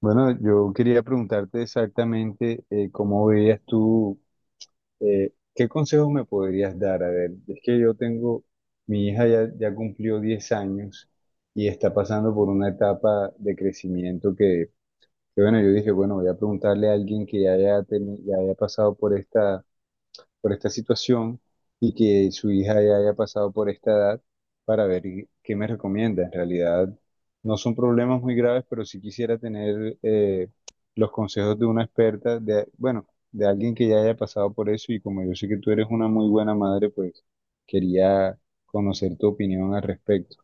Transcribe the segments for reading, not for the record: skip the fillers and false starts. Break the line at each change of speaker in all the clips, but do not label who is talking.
Bueno, yo quería preguntarte exactamente cómo veías tú, qué consejos me podrías dar. A ver, es que yo tengo, mi hija ya cumplió 10 años y está pasando por una etapa de crecimiento bueno, yo dije, bueno, voy a preguntarle a alguien que ya ya haya pasado por esta situación y que su hija ya haya pasado por esta edad para ver qué me recomienda. En realidad no son problemas muy graves, pero sí quisiera tener los consejos de una experta, de, bueno, de alguien que ya haya pasado por eso y como yo sé que tú eres una muy buena madre, pues quería conocer tu opinión al respecto.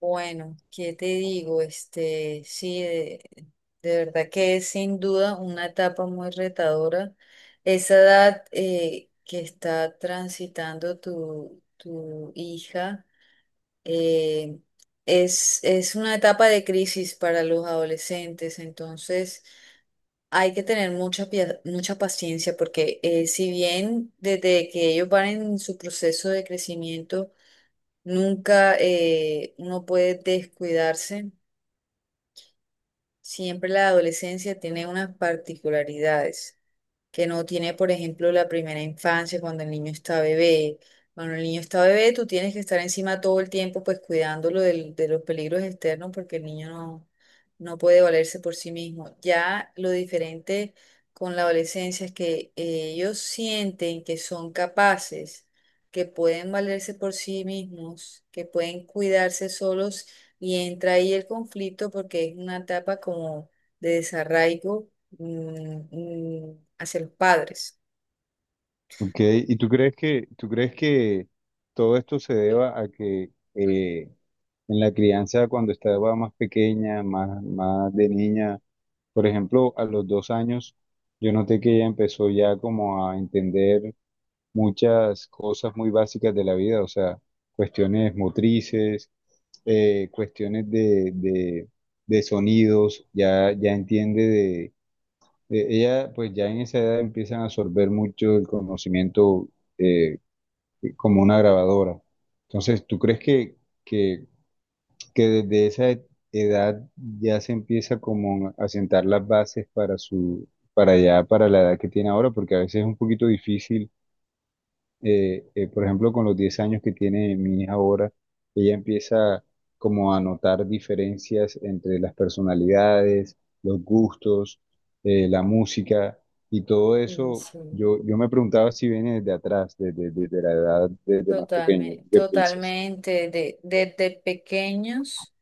Bueno, ¿qué te digo? De verdad que es sin duda una etapa muy retadora. Esa edad que está transitando tu hija eh, es una etapa de crisis para los adolescentes, entonces hay que tener mucha paciencia porque si bien desde que ellos van en su proceso de crecimiento, nunca uno puede descuidarse. Siempre la adolescencia tiene unas particularidades que no tiene, por ejemplo, la primera infancia, cuando el niño está bebé. Cuando el niño está bebé, tú tienes que estar encima todo el tiempo, pues cuidándolo de los peligros externos, porque el niño no, no puede valerse por sí mismo. Ya lo diferente con la adolescencia es que ellos sienten que son capaces, que pueden valerse por sí mismos, que pueden cuidarse solos, y entra ahí el conflicto porque es una etapa como de desarraigo hacia los padres.
Ok, ¿y tú crees tú crees que todo esto se deba a que en la crianza cuando estaba más pequeña, más de niña, por ejemplo, a los 2 años, yo noté que ella empezó ya como a entender muchas cosas muy básicas de la vida, o sea, cuestiones motrices, cuestiones de sonidos, ya entiende ella, pues ya en esa edad empiezan a absorber mucho el conocimiento eh, como una grabadora. Entonces, ¿tú crees que, que desde esa edad ya se empieza como a sentar las bases para su, para ya, para la edad que tiene ahora? Porque a veces es un poquito difícil por ejemplo, con los 10 años que tiene mi hija ahora, ella empieza como a notar diferencias entre las personalidades, los gustos, la música y todo
Sí,
eso.
sí,
Yo me preguntaba si viene desde atrás, desde la edad, desde más pequeño. ¿Tú?
totalmente,
¿Qué piensas?
totalmente. Desde pequeños,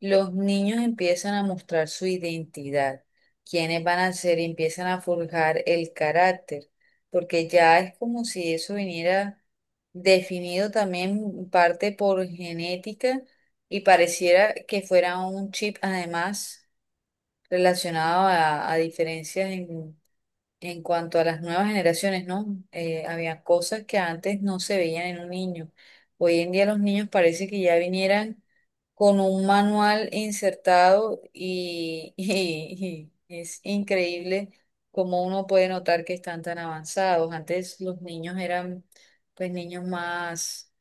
los niños empiezan a mostrar su identidad, quiénes van a ser, y empiezan a forjar el carácter, porque ya es como si eso viniera definido también en parte por genética y pareciera que fuera un chip además relacionado a diferencias en... En cuanto a las nuevas generaciones, ¿no? Había cosas que antes no se veían en un niño. Hoy en día los niños parece que ya vinieran con un manual insertado y, y es increíble cómo uno puede notar que están tan avanzados. Antes los niños eran pues niños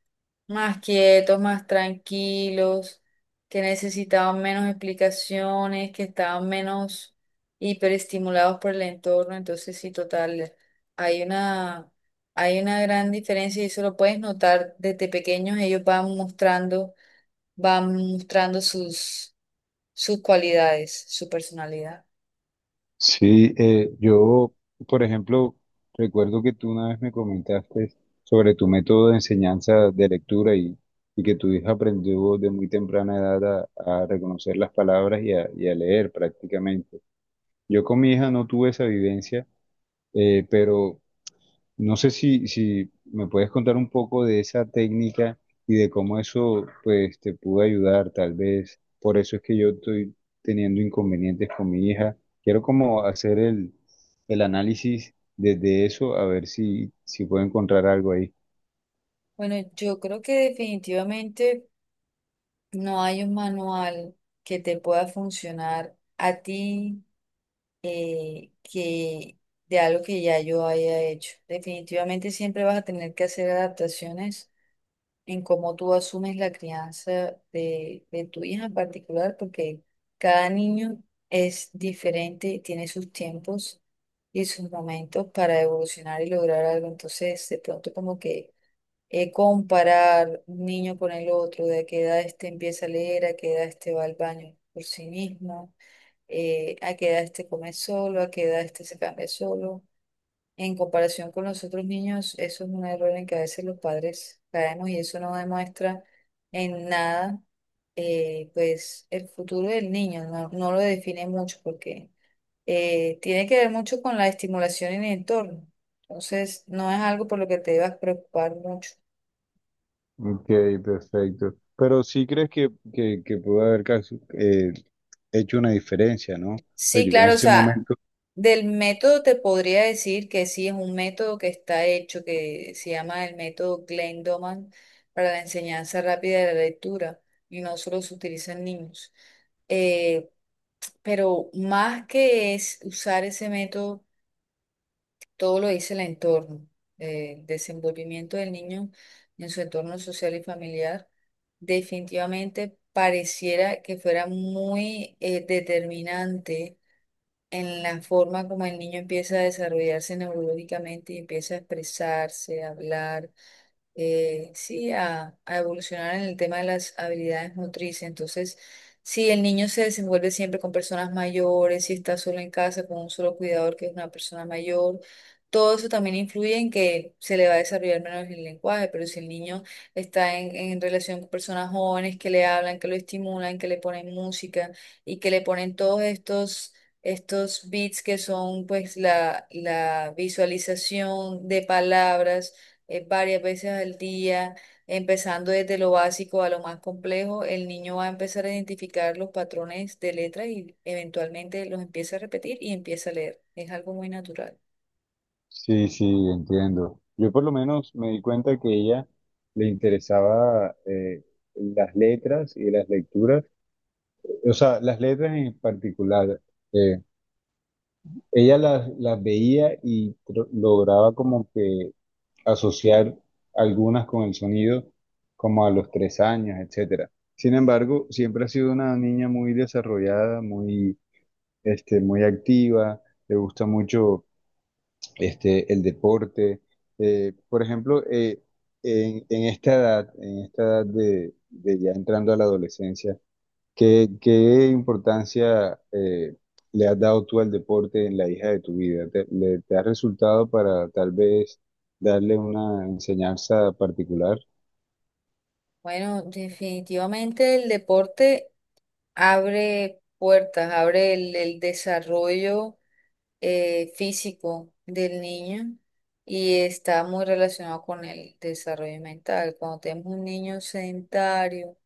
más quietos, más tranquilos, que necesitaban menos explicaciones, que estaban menos hiperestimulados por el entorno. Entonces, sí, total, hay una, hay una gran diferencia y eso lo puedes notar desde pequeños. Van mostrando sus cualidades, su personalidad.
Sí, yo, por ejemplo, recuerdo que tú una vez me comentaste sobre tu método de enseñanza de lectura y que tu hija aprendió de muy temprana edad a reconocer las palabras y a leer prácticamente. Yo con mi hija no tuve esa vivencia, pero no sé si me puedes contar un poco de esa técnica y de cómo eso pues te pudo ayudar, tal vez. Por eso es que yo estoy teniendo inconvenientes con mi hija. Quiero como hacer el análisis desde eso, a ver si puedo encontrar algo ahí.
Bueno, yo creo que definitivamente no hay un manual que te pueda funcionar a ti, que de algo que ya yo haya hecho. Definitivamente siempre vas a tener que hacer adaptaciones en cómo tú asumes la crianza de tu hija en particular, porque cada niño es diferente, tiene sus tiempos y sus momentos para evolucionar y lograr algo. Entonces, de pronto como que comparar un niño con el otro, de a qué edad este empieza a leer, a qué edad este va al baño por sí mismo, a qué edad este come solo, a qué edad este se cambia solo. En comparación con los otros niños, eso es un error en que a veces los padres caemos y eso no demuestra en nada, pues, el futuro del niño, no lo define mucho porque tiene que ver mucho con la estimulación en el entorno. Entonces, no es algo por lo que te debas preocupar mucho.
Ok, perfecto. Pero sí crees que pudo haber hecho una diferencia, ¿no? Pues
Sí,
yo en
claro, o
ese
sea,
momento.
del método te podría decir que sí, es un método que está hecho, que se llama el método Glenn Doman para la enseñanza rápida de la lectura, y no solo se utiliza en niños. Eh, pero más que es usar ese método, todo lo dice el entorno, el desenvolvimiento del niño en su entorno social y familiar, definitivamente pareciera que fuera muy determinante en la forma como el niño empieza a desarrollarse neurológicamente y empieza a expresarse, a hablar, sí, a evolucionar en el tema de las habilidades motrices. Entonces, si el niño se desenvuelve siempre con personas mayores, si está solo en casa con un solo cuidador que es una persona mayor, todo eso también influye en que se le va a desarrollar menos el lenguaje, pero si el niño está en relación con personas jóvenes que le hablan, que lo estimulan, que le ponen música y que le ponen todos estos... estos beats, que son pues la visualización de palabras varias veces al día, empezando desde lo básico a lo más complejo, el niño va a empezar a identificar los patrones de letras y eventualmente los empieza a repetir y empieza a leer. Es algo muy natural.
Sí, sí, entiendo. Yo por lo menos me di cuenta que a ella le interesaba las letras y las lecturas, o sea, las letras en particular. eh, Ella las veía y lograba como que asociar algunas con el sonido, como a los 3 años, etcétera. Sin embargo, siempre ha sido una niña muy desarrollada, muy, este, muy activa, le gusta mucho este, el deporte. Por ejemplo, en esta edad de ya entrando a la adolescencia, ¿qué importancia le has dado tú al deporte en la hija de tu vida? ¿Te ha resultado para tal vez darle una enseñanza particular?
Bueno, definitivamente el deporte abre puertas, abre el desarrollo físico del niño y está muy relacionado con el desarrollo mental. Cuando tenemos un niño sedentario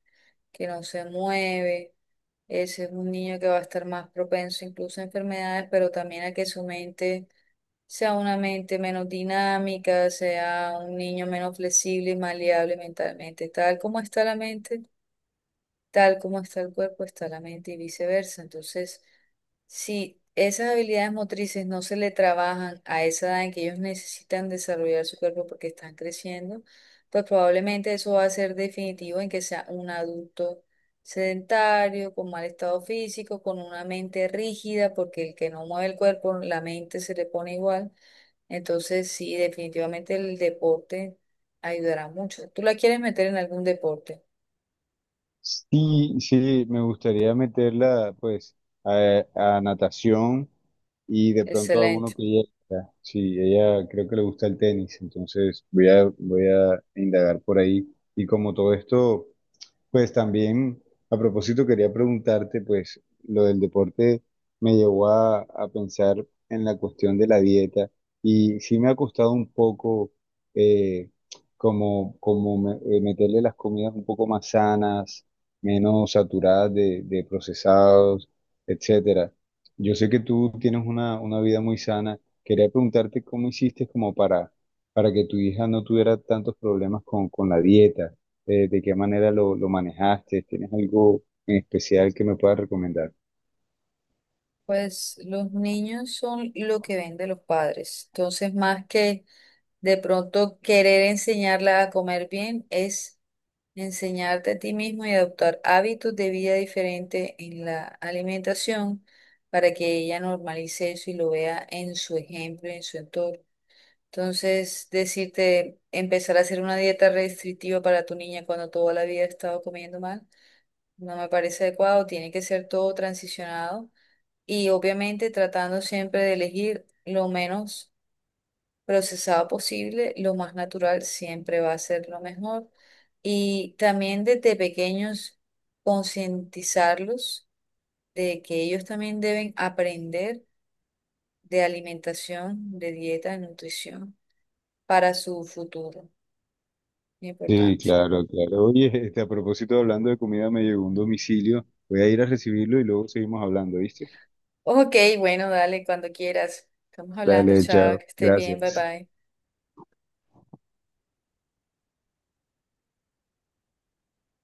que no se mueve, ese es un niño que va a estar más propenso incluso a enfermedades, pero también a que su mente sea una mente menos dinámica, sea un niño menos flexible y maleable mentalmente. Tal como está el cuerpo, está la mente y viceversa. Entonces, si esas habilidades motrices no se le trabajan a esa edad en que ellos necesitan desarrollar su cuerpo porque están creciendo, pues probablemente eso va a ser definitivo en que sea un adulto sedentario, con mal estado físico, con una mente rígida, porque el que no mueve el cuerpo, la mente se le pone igual. Entonces, sí, definitivamente el deporte ayudará mucho. ¿Tú la quieres meter en algún deporte?
Sí, sí, me gustaría meterla pues a natación y de pronto a uno
Excelente.
que ella, sí, ella creo que le gusta el tenis, entonces voy a indagar por ahí. Y como todo esto... Pues también, a propósito, quería preguntarte, pues lo del deporte me llevó a pensar en la cuestión de la dieta y sí me ha costado un poco eh, meterle las comidas un poco más sanas, menos saturadas de procesados, etcétera. Yo sé que tú tienes una vida muy sana. Quería preguntarte cómo hiciste como para que tu hija no tuviera tantos problemas con la dieta de qué manera lo manejaste, ¿tienes algo en especial que me puedas recomendar?
Pues los niños son lo que ven de los padres. Entonces, más que de pronto querer enseñarla a comer bien, es enseñarte a ti mismo y adoptar hábitos de vida diferente en la alimentación para que ella normalice eso y lo vea en su ejemplo, y en su entorno. Entonces, decirte, empezar a hacer una dieta restrictiva para tu niña cuando toda la vida ha estado comiendo mal, no me parece adecuado. Tiene que ser todo transicionado y obviamente tratando siempre de elegir lo menos procesado posible, lo más natural siempre va a ser lo mejor. Y también desde pequeños concientizarlos de que ellos también deben aprender de alimentación, de dieta, de nutrición para su futuro. Muy
Sí,
importante.
claro, claro. Oye, este, a propósito, hablando de comida, me llegó un domicilio. Voy a ir a recibirlo y luego seguimos hablando, ¿viste?
Ok, bueno, dale cuando quieras. Estamos hablando,
Dale,
chao,
chao.
que estés bien, bye
Gracias.
bye.